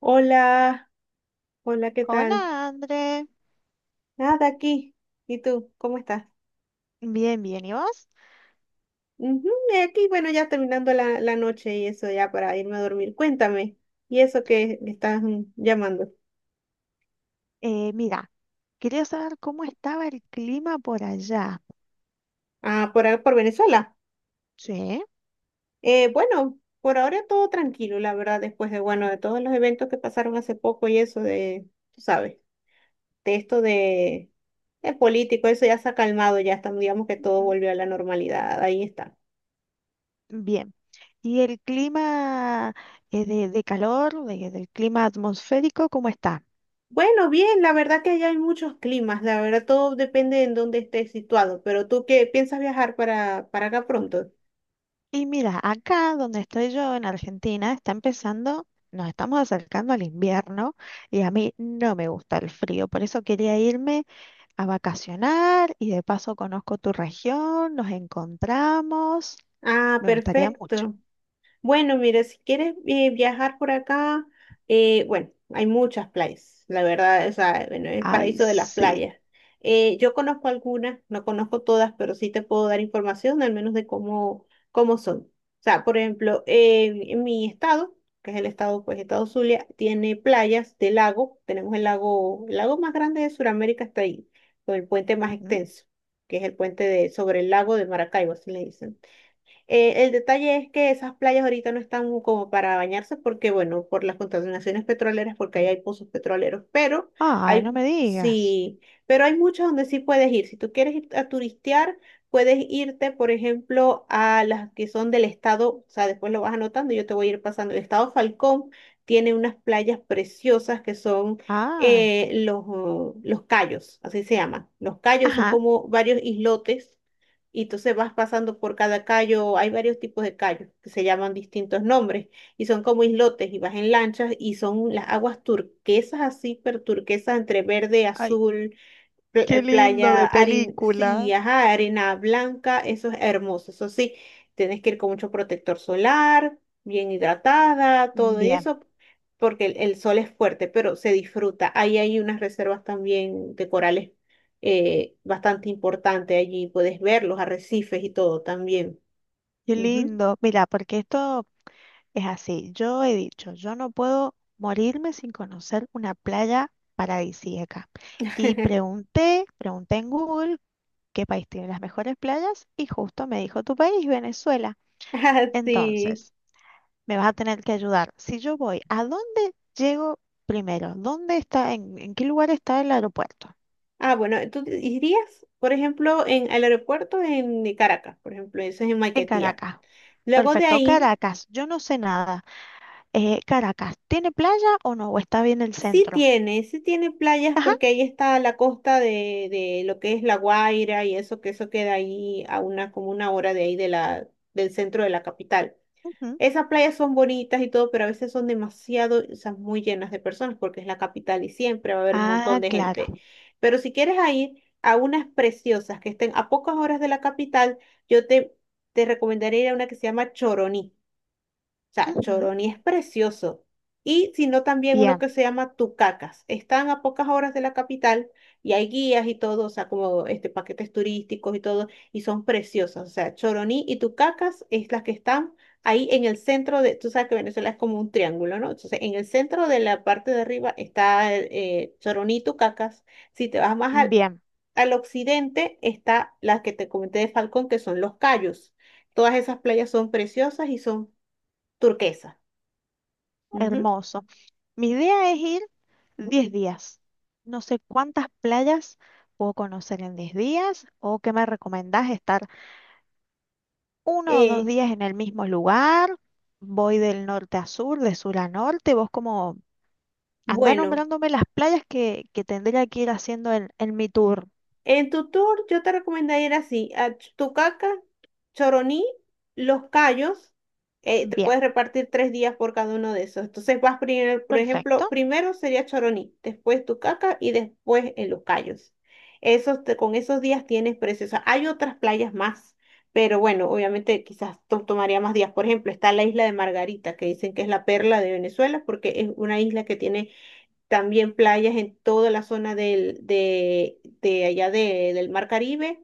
Hola, hola, ¿qué tal? Hola, André. Nada, aquí. ¿Y tú? ¿Cómo estás? Bien, bien. ¿Y vos? Ujú, aquí, bueno, ya terminando la noche y eso ya para irme a dormir. Cuéntame, ¿y eso que estás llamando? Eh, mira, quería saber cómo estaba el clima por allá. Ah, por, por Venezuela. Sí. Bueno, por ahora todo tranquilo, la verdad, después de, bueno, de todos los eventos que pasaron hace poco y eso de, tú sabes, de esto de, de político, eso ya se ha calmado, ya estamos, digamos que todo Ujú. volvió a la normalidad, ahí está. Bien. ¿Y el clima de calor, del clima atmosférico, cómo está? Bueno, bien, la verdad que allá hay muchos climas, la verdad todo depende de en dónde estés situado, pero tú qué piensas viajar para acá pronto. Y mira, acá donde estoy yo, en Argentina, está empezando, nos estamos acercando al invierno y a mí no me gusta el frío, por eso quería irme a vacacionar y de paso conozco tu región, nos encontramos, Ah, me gustaría mucho. perfecto. Bueno, mira, si quieres viajar por acá, bueno, hay muchas playas, la verdad, o sea, bueno, es el Ay, paraíso de las sí. playas. Yo conozco algunas, no conozco todas, pero sí te puedo dar información al menos de cómo son. O sea, por ejemplo, en mi estado, que es el estado, pues, estado Zulia, tiene playas de lago, tenemos el lago más grande de Sudamérica está ahí, con el puente más Ujú. extenso, que es el puente de, sobre el lago de Maracaibo, así le dicen. El detalle es que esas playas ahorita no están como para bañarse porque, bueno, por las contaminaciones petroleras, porque ahí hay pozos petroleros, pero Ay, no hay, me digas. sí, pero hay muchas donde sí puedes ir. Si tú quieres ir a turistear, puedes irte, por ejemplo, a las que son del estado, o sea, después lo vas anotando, yo te voy a ir pasando. El estado Falcón tiene unas playas preciosas que son Ay, los cayos, así se llaman. Los cayos son ajá. como varios islotes y entonces vas pasando por cada callo, hay varios tipos de callos que se llaman distintos nombres y son como islotes y vas en lanchas y son las aguas turquesas así, pero turquesas entre verde, Ay, azul, qué lindo, playa, de harina, película. sí, ajá, arena blanca, eso es hermoso, eso sí, tienes que ir con mucho protector solar, bien hidratada, todo Bien, eso, porque el sol es fuerte, pero se disfruta. Ahí hay unas reservas también de corales bastante importantes, allí puedes ver los arrecifes y todo también. qué Ujú. lindo. Mira, porque esto es así. Yo he dicho, yo no puedo morirme sin conocer una playa paradisíaca. Y pregunté en Google qué país tiene las mejores playas y justo me dijo tu país, Venezuela. Ah, sí. Entonces, me vas a tener que ayudar. Si yo voy, ¿a dónde llego primero? ¿Dónde está, en qué lugar está el aeropuerto? Ah, bueno, ¿tú irías, por ejemplo, en el aeropuerto en de Caracas, por ejemplo, eso es en En Maiquetía. Caracas. Luego de Perfecto, ahí Caracas, yo no sé nada. Caracas, ¿tiene playa o no? ¿O está bien el sí centro? tiene, sí tiene playas Ajá. porque ahí está la costa de lo que es La Guaira y eso, que eso queda ahí a una, como una hora de ahí de la, del centro de la capital. Ujú. Esas playas son bonitas y todo, pero a veces son demasiado, o sea, muy llenas de personas porque es la capital y siempre va a haber un montón Ah, de gente. claro. Pero si quieres a ir a unas preciosas que estén a pocas horas de la capital, yo te, te recomendaría ir a una que se llama Choroní. O sea, Ujú. Choroní es precioso. Y sino también uno Bien, que se llama Tucacas. Están a pocas horas de la capital y hay guías y todo, o sea, como este, paquetes turísticos y todo, y son preciosas. O sea, Choroní y Tucacas es las que están ahí en el centro de, tú sabes que Venezuela es como un triángulo, ¿no? Entonces, en el centro de la parte de arriba está Choroní y Tucacas. Si te vas más bien, al occidente está la que te comenté de Falcón, que son los Cayos. Todas esas playas son preciosas y son turquesa. Ujú. hermoso. Mi idea es ir 10 días. No sé cuántas playas puedo conocer en 10 días o qué me recomendás estar uno o dos Eh, días en el mismo lugar, voy del norte a sur, de sur a norte, vos como andá bueno, nombrándome las playas que tendría que ir haciendo en mi tour. en tu tour yo te recomendaría ir así, a Tucaca, Choroní, Los Cayos, te Bien, puedes repartir tres días por cada uno de esos. Entonces vas primero, por ejemplo, perfecto. primero sería Choroní, después Tucaca y después en Los Cayos. Esos, con esos días tienes precios. Hay otras playas más, pero bueno, obviamente quizás tomaría más días. Por ejemplo, está la isla de Margarita, que dicen que es la perla de Venezuela porque es una isla que tiene también playas en toda la zona del, de allá del Mar Caribe,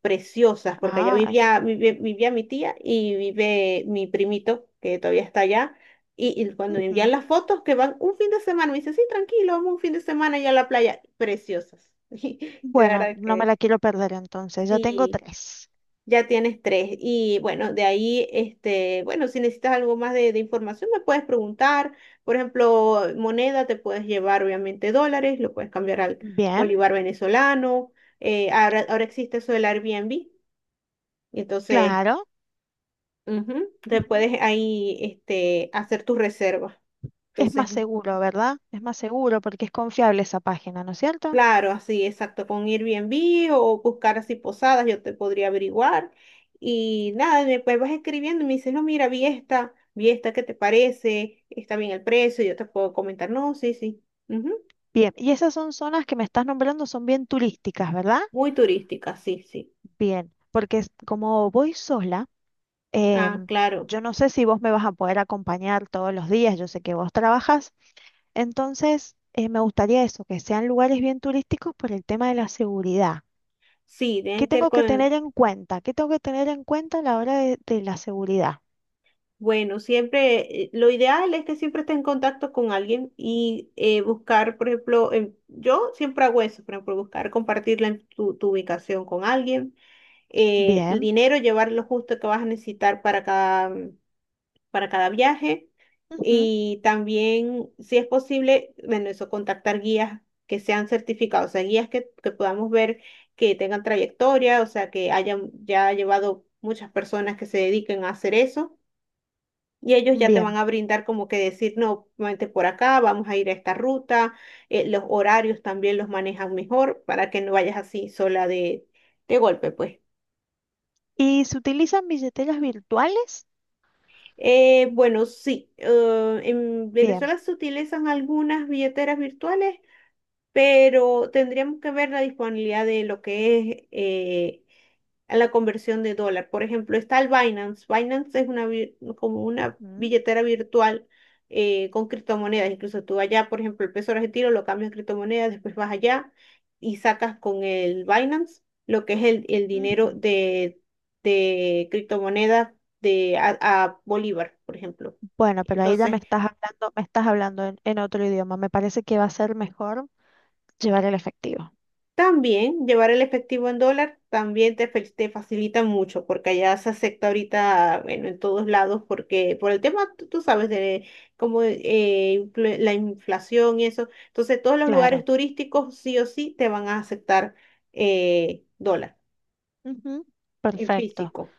preciosas, porque allá Ah, vivía, mi tía y vive mi primito, que todavía está allá. Y cuando me envían ujú. las fotos, que van un fin de semana, me dice, sí, tranquilo, vamos un fin de semana allá a la playa, preciosas. Y la Bueno, verdad no me que la quiero perder entonces, ya tengo sí. tres. Ya tienes tres. Y bueno, de ahí, este, bueno, si necesitas algo más de información, me puedes preguntar. Por ejemplo, moneda, te puedes llevar obviamente dólares, lo puedes cambiar al Bien, bolívar venezolano. Ahora existe eso del Airbnb. Entonces, claro. ujú, te Ujú. puedes ahí, este, hacer tus reservas. Es más Entonces, seguro, ¿verdad? Es más seguro porque es confiable esa página, ¿no es cierto? claro, así, exacto, con Airbnb o buscar así posadas, yo te podría averiguar. Y nada, después vas escribiendo y me dices, no, mira, vi esta, ¿qué te parece? Está bien el precio, yo te puedo comentar, no, sí, sí. Ujú, Bien, ¿y esas son zonas que me estás nombrando, son bien turísticas, ¿verdad? muy turística, sí, sí. Bien, porque como voy sola, Ah, em, claro, yo no sé si vos me vas a poder acompañar todos los días, yo sé que vos trabajas, entonces me gustaría eso, que sean lugares bien turísticos por el tema de la seguridad. sí, ¿Qué tiene que ver tengo que con, tener en cuenta? ¿Qué tengo que tener en cuenta a la hora de la seguridad? bueno, siempre, lo ideal es que siempre estés en contacto con alguien y buscar, por ejemplo, yo siempre hago eso, por ejemplo, buscar compartir tu ubicación con alguien, el Bien, dinero, llevar lo justo que vas a necesitar para cada viaje. ujú, Y también, si es posible, bueno, eso, contactar guías que sean certificados, o sea, guías que podamos ver que tengan trayectoria, o sea, que hayan ya llevado muchas personas que se dediquen a hacer eso. Y ellos ya te van bien. a brindar como que decir, no, vente por acá, vamos a ir a esta ruta. Los horarios también los manejan mejor para que no vayas así sola de golpe, pues. ¿Y se utilizan billeteras virtuales? Bueno, sí, en Bien. Venezuela se utilizan algunas billeteras virtuales, pero tendríamos que ver la disponibilidad de lo que es la conversión de dólar. Por ejemplo, está el Binance. Binance es una, como una Ujú, billetera virtual con criptomonedas. Incluso tú allá, por ejemplo, el peso argentino lo cambias a criptomonedas, después vas allá y sacas con el Binance lo que es el dinero ujú. De criptomonedas de, a Bolívar, por ejemplo. Bueno, pero ahí ya Entonces, me estás hablando en otro idioma. Me parece que va a ser mejor llevar el efectivo. también llevar el efectivo en dólar también te, te facilita mucho porque allá se acepta ahorita, bueno, en todos lados porque por el tema, tú sabes, de cómo la inflación y eso. Entonces, todos los lugares Claro. turísticos sí o sí te van a aceptar dólar Ujú. en Perfecto, físico.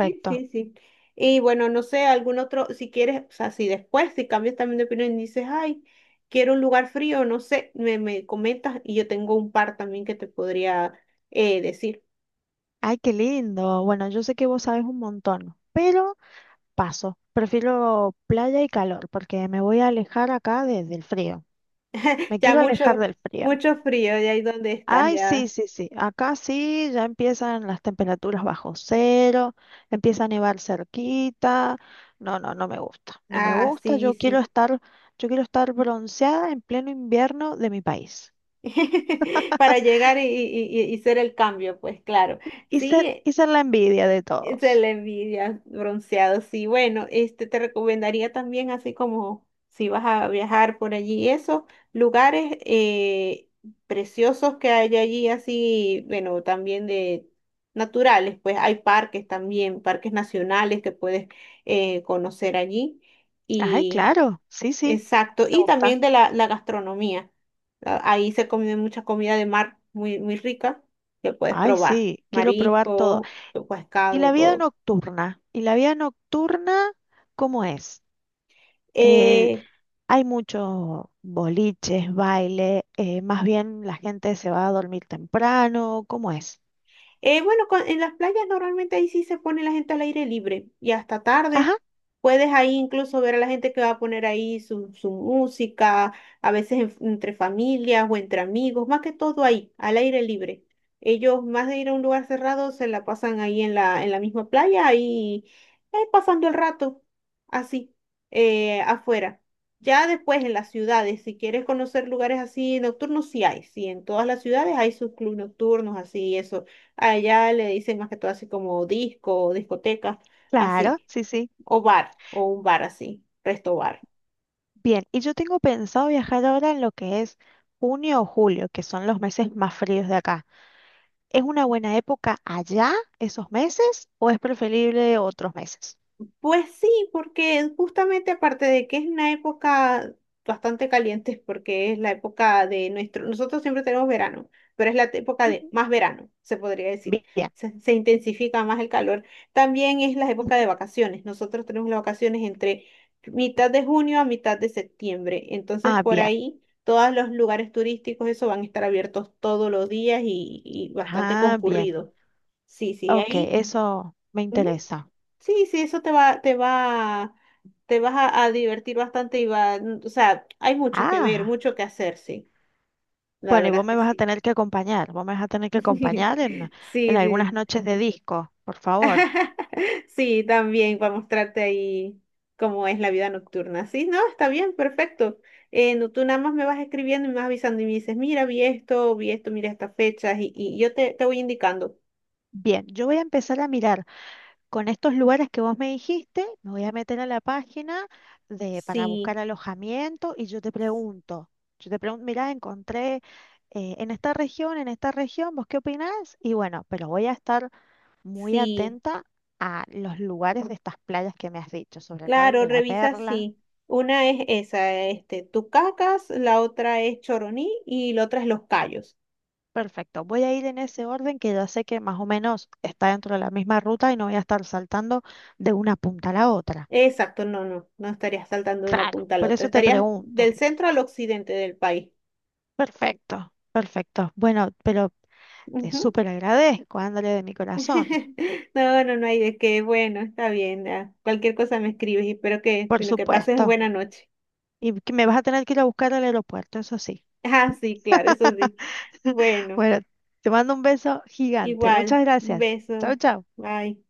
Sí, sí, sí. Y bueno, no sé, algún otro, si quieres, o sea, si después, si cambias también de opinión y dices, ay, quiero un lugar frío, no sé, me comentas y yo tengo un par también que te podría decir. Ay, qué lindo. Bueno, yo sé que vos sabes un montón, pero paso. Prefiero playa y calor porque me voy a alejar acá del frío. Me Ya quiero alejar mucho, del frío. mucho frío, ya ahí donde estás, Ay, sí, ya. sí, sí. Acá sí, ya empiezan las temperaturas bajo cero, empieza a nevar cerquita. No, no, no me gusta. No me Ah, gusta. sí, sí. Yo quiero estar bronceada en pleno invierno de mi país. Para llegar y ser el cambio, pues claro. Sí, y ser la envidia de se todos. le envidia bronceado, sí. Bueno, este te recomendaría también, así como si vas a viajar por allí, esos lugares preciosos que hay allí, así, bueno, también de naturales, pues hay parques también, parques nacionales que puedes conocer allí. Ay, Y claro, sí, sí, exacto, me y gusta. también de la gastronomía. Ahí se come mucha comida de mar muy, muy rica que puedes Ay, probar, sí, quiero probar todo. mariscos, ¿Y la pescado, vida todo. nocturna? ¿Y la vida nocturna cómo es? Eh, eh, Hay muchos boliches, baile, más bien la gente se va a dormir temprano, ¿cómo es? Bueno, en las playas normalmente ahí sí se pone la gente al aire libre y hasta tarde. Ajá, Puedes ahí incluso ver a la gente que va a poner ahí su música, a veces entre familias o entre amigos, más que todo ahí, al aire libre. Ellos, más de ir a un lugar cerrado, se la pasan ahí en en la misma playa, ahí pasando el rato, así, afuera. Ya después en las ciudades, si quieres conocer lugares así nocturnos, sí hay, sí, en todas las ciudades hay sus clubes nocturnos, así, eso allá le dicen más que todo así como disco, o discoteca, claro, así, sí, sí. o bar, o un bar así, resto bar. Bien, y yo tengo pensado viajar ahora en lo que es junio o julio, que son los meses más fríos de acá. ¿Es una buena época allá, esos meses, o es preferible otros meses? Pues sí, porque justamente aparte de que es una época bastante caliente, porque es la época de nuestro, nosotros siempre tenemos verano, pero es la época de Ujú, más verano, se podría decir. bien. Se intensifica más el calor. También es la época Ujú. de vacaciones. Nosotros tenemos las vacaciones entre mitad de junio a mitad de septiembre. Entonces, Ah, por bien. ahí, todos los lugares turísticos, eso van a estar abiertos todos los días y bastante Ah, bien. concurridos. Sí, sí, Ok, ahí. eso me interesa. Sí, sí, eso te vas a divertir bastante y va, o sea, hay mucho que ver, Ah. mucho que hacer, sí, la Bueno, y verdad vos es me que vas a sí. tener que acompañar, vos me vas a tener que acompañar en Sí, algunas sí. noches de disco, por favor. Sí, también para mostrarte ahí cómo es la vida nocturna. Sí, no, está bien, perfecto. No, tú nada más me vas escribiendo y me vas avisando y me dices, mira, vi esto, mira estas fechas y te voy indicando. Bien, yo voy a empezar a mirar con estos lugares que vos me dijiste, me voy a meter a la página de, para Sí, buscar alojamiento y yo te pregunto, mirá, encontré en esta región, ¿vos qué opinás? Y bueno, pero voy a estar muy sí. atenta a los lugares de estas playas que me has dicho, sobre todo el Claro, de La revisa Perla. sí. Una es esa, este, tú cacas, la otra es choroní y la otra es los callos. Perfecto, voy a ir en ese orden que ya sé que más o menos está dentro de la misma ruta y no voy a estar saltando de una punta a la otra. Exacto, no, no, no estarías saltando de una Claro, punta a la por otra, eso te estarías pregunto. del centro al occidente del país. Perfecto, perfecto. Bueno, pero te Ujú. súper agradezco, André, de mi corazón. No, no, no hay de qué, bueno, está bien, ya. Cualquier cosa me escribes y espero que, Por sino que pases buena supuesto. noche. Y que me vas a tener que ir a buscar al aeropuerto, eso sí. Ah, sí, claro, eso sí. Bueno, Bueno, te mando un beso gigante. igual, Muchas un gracias. Chao, beso, chao. bye.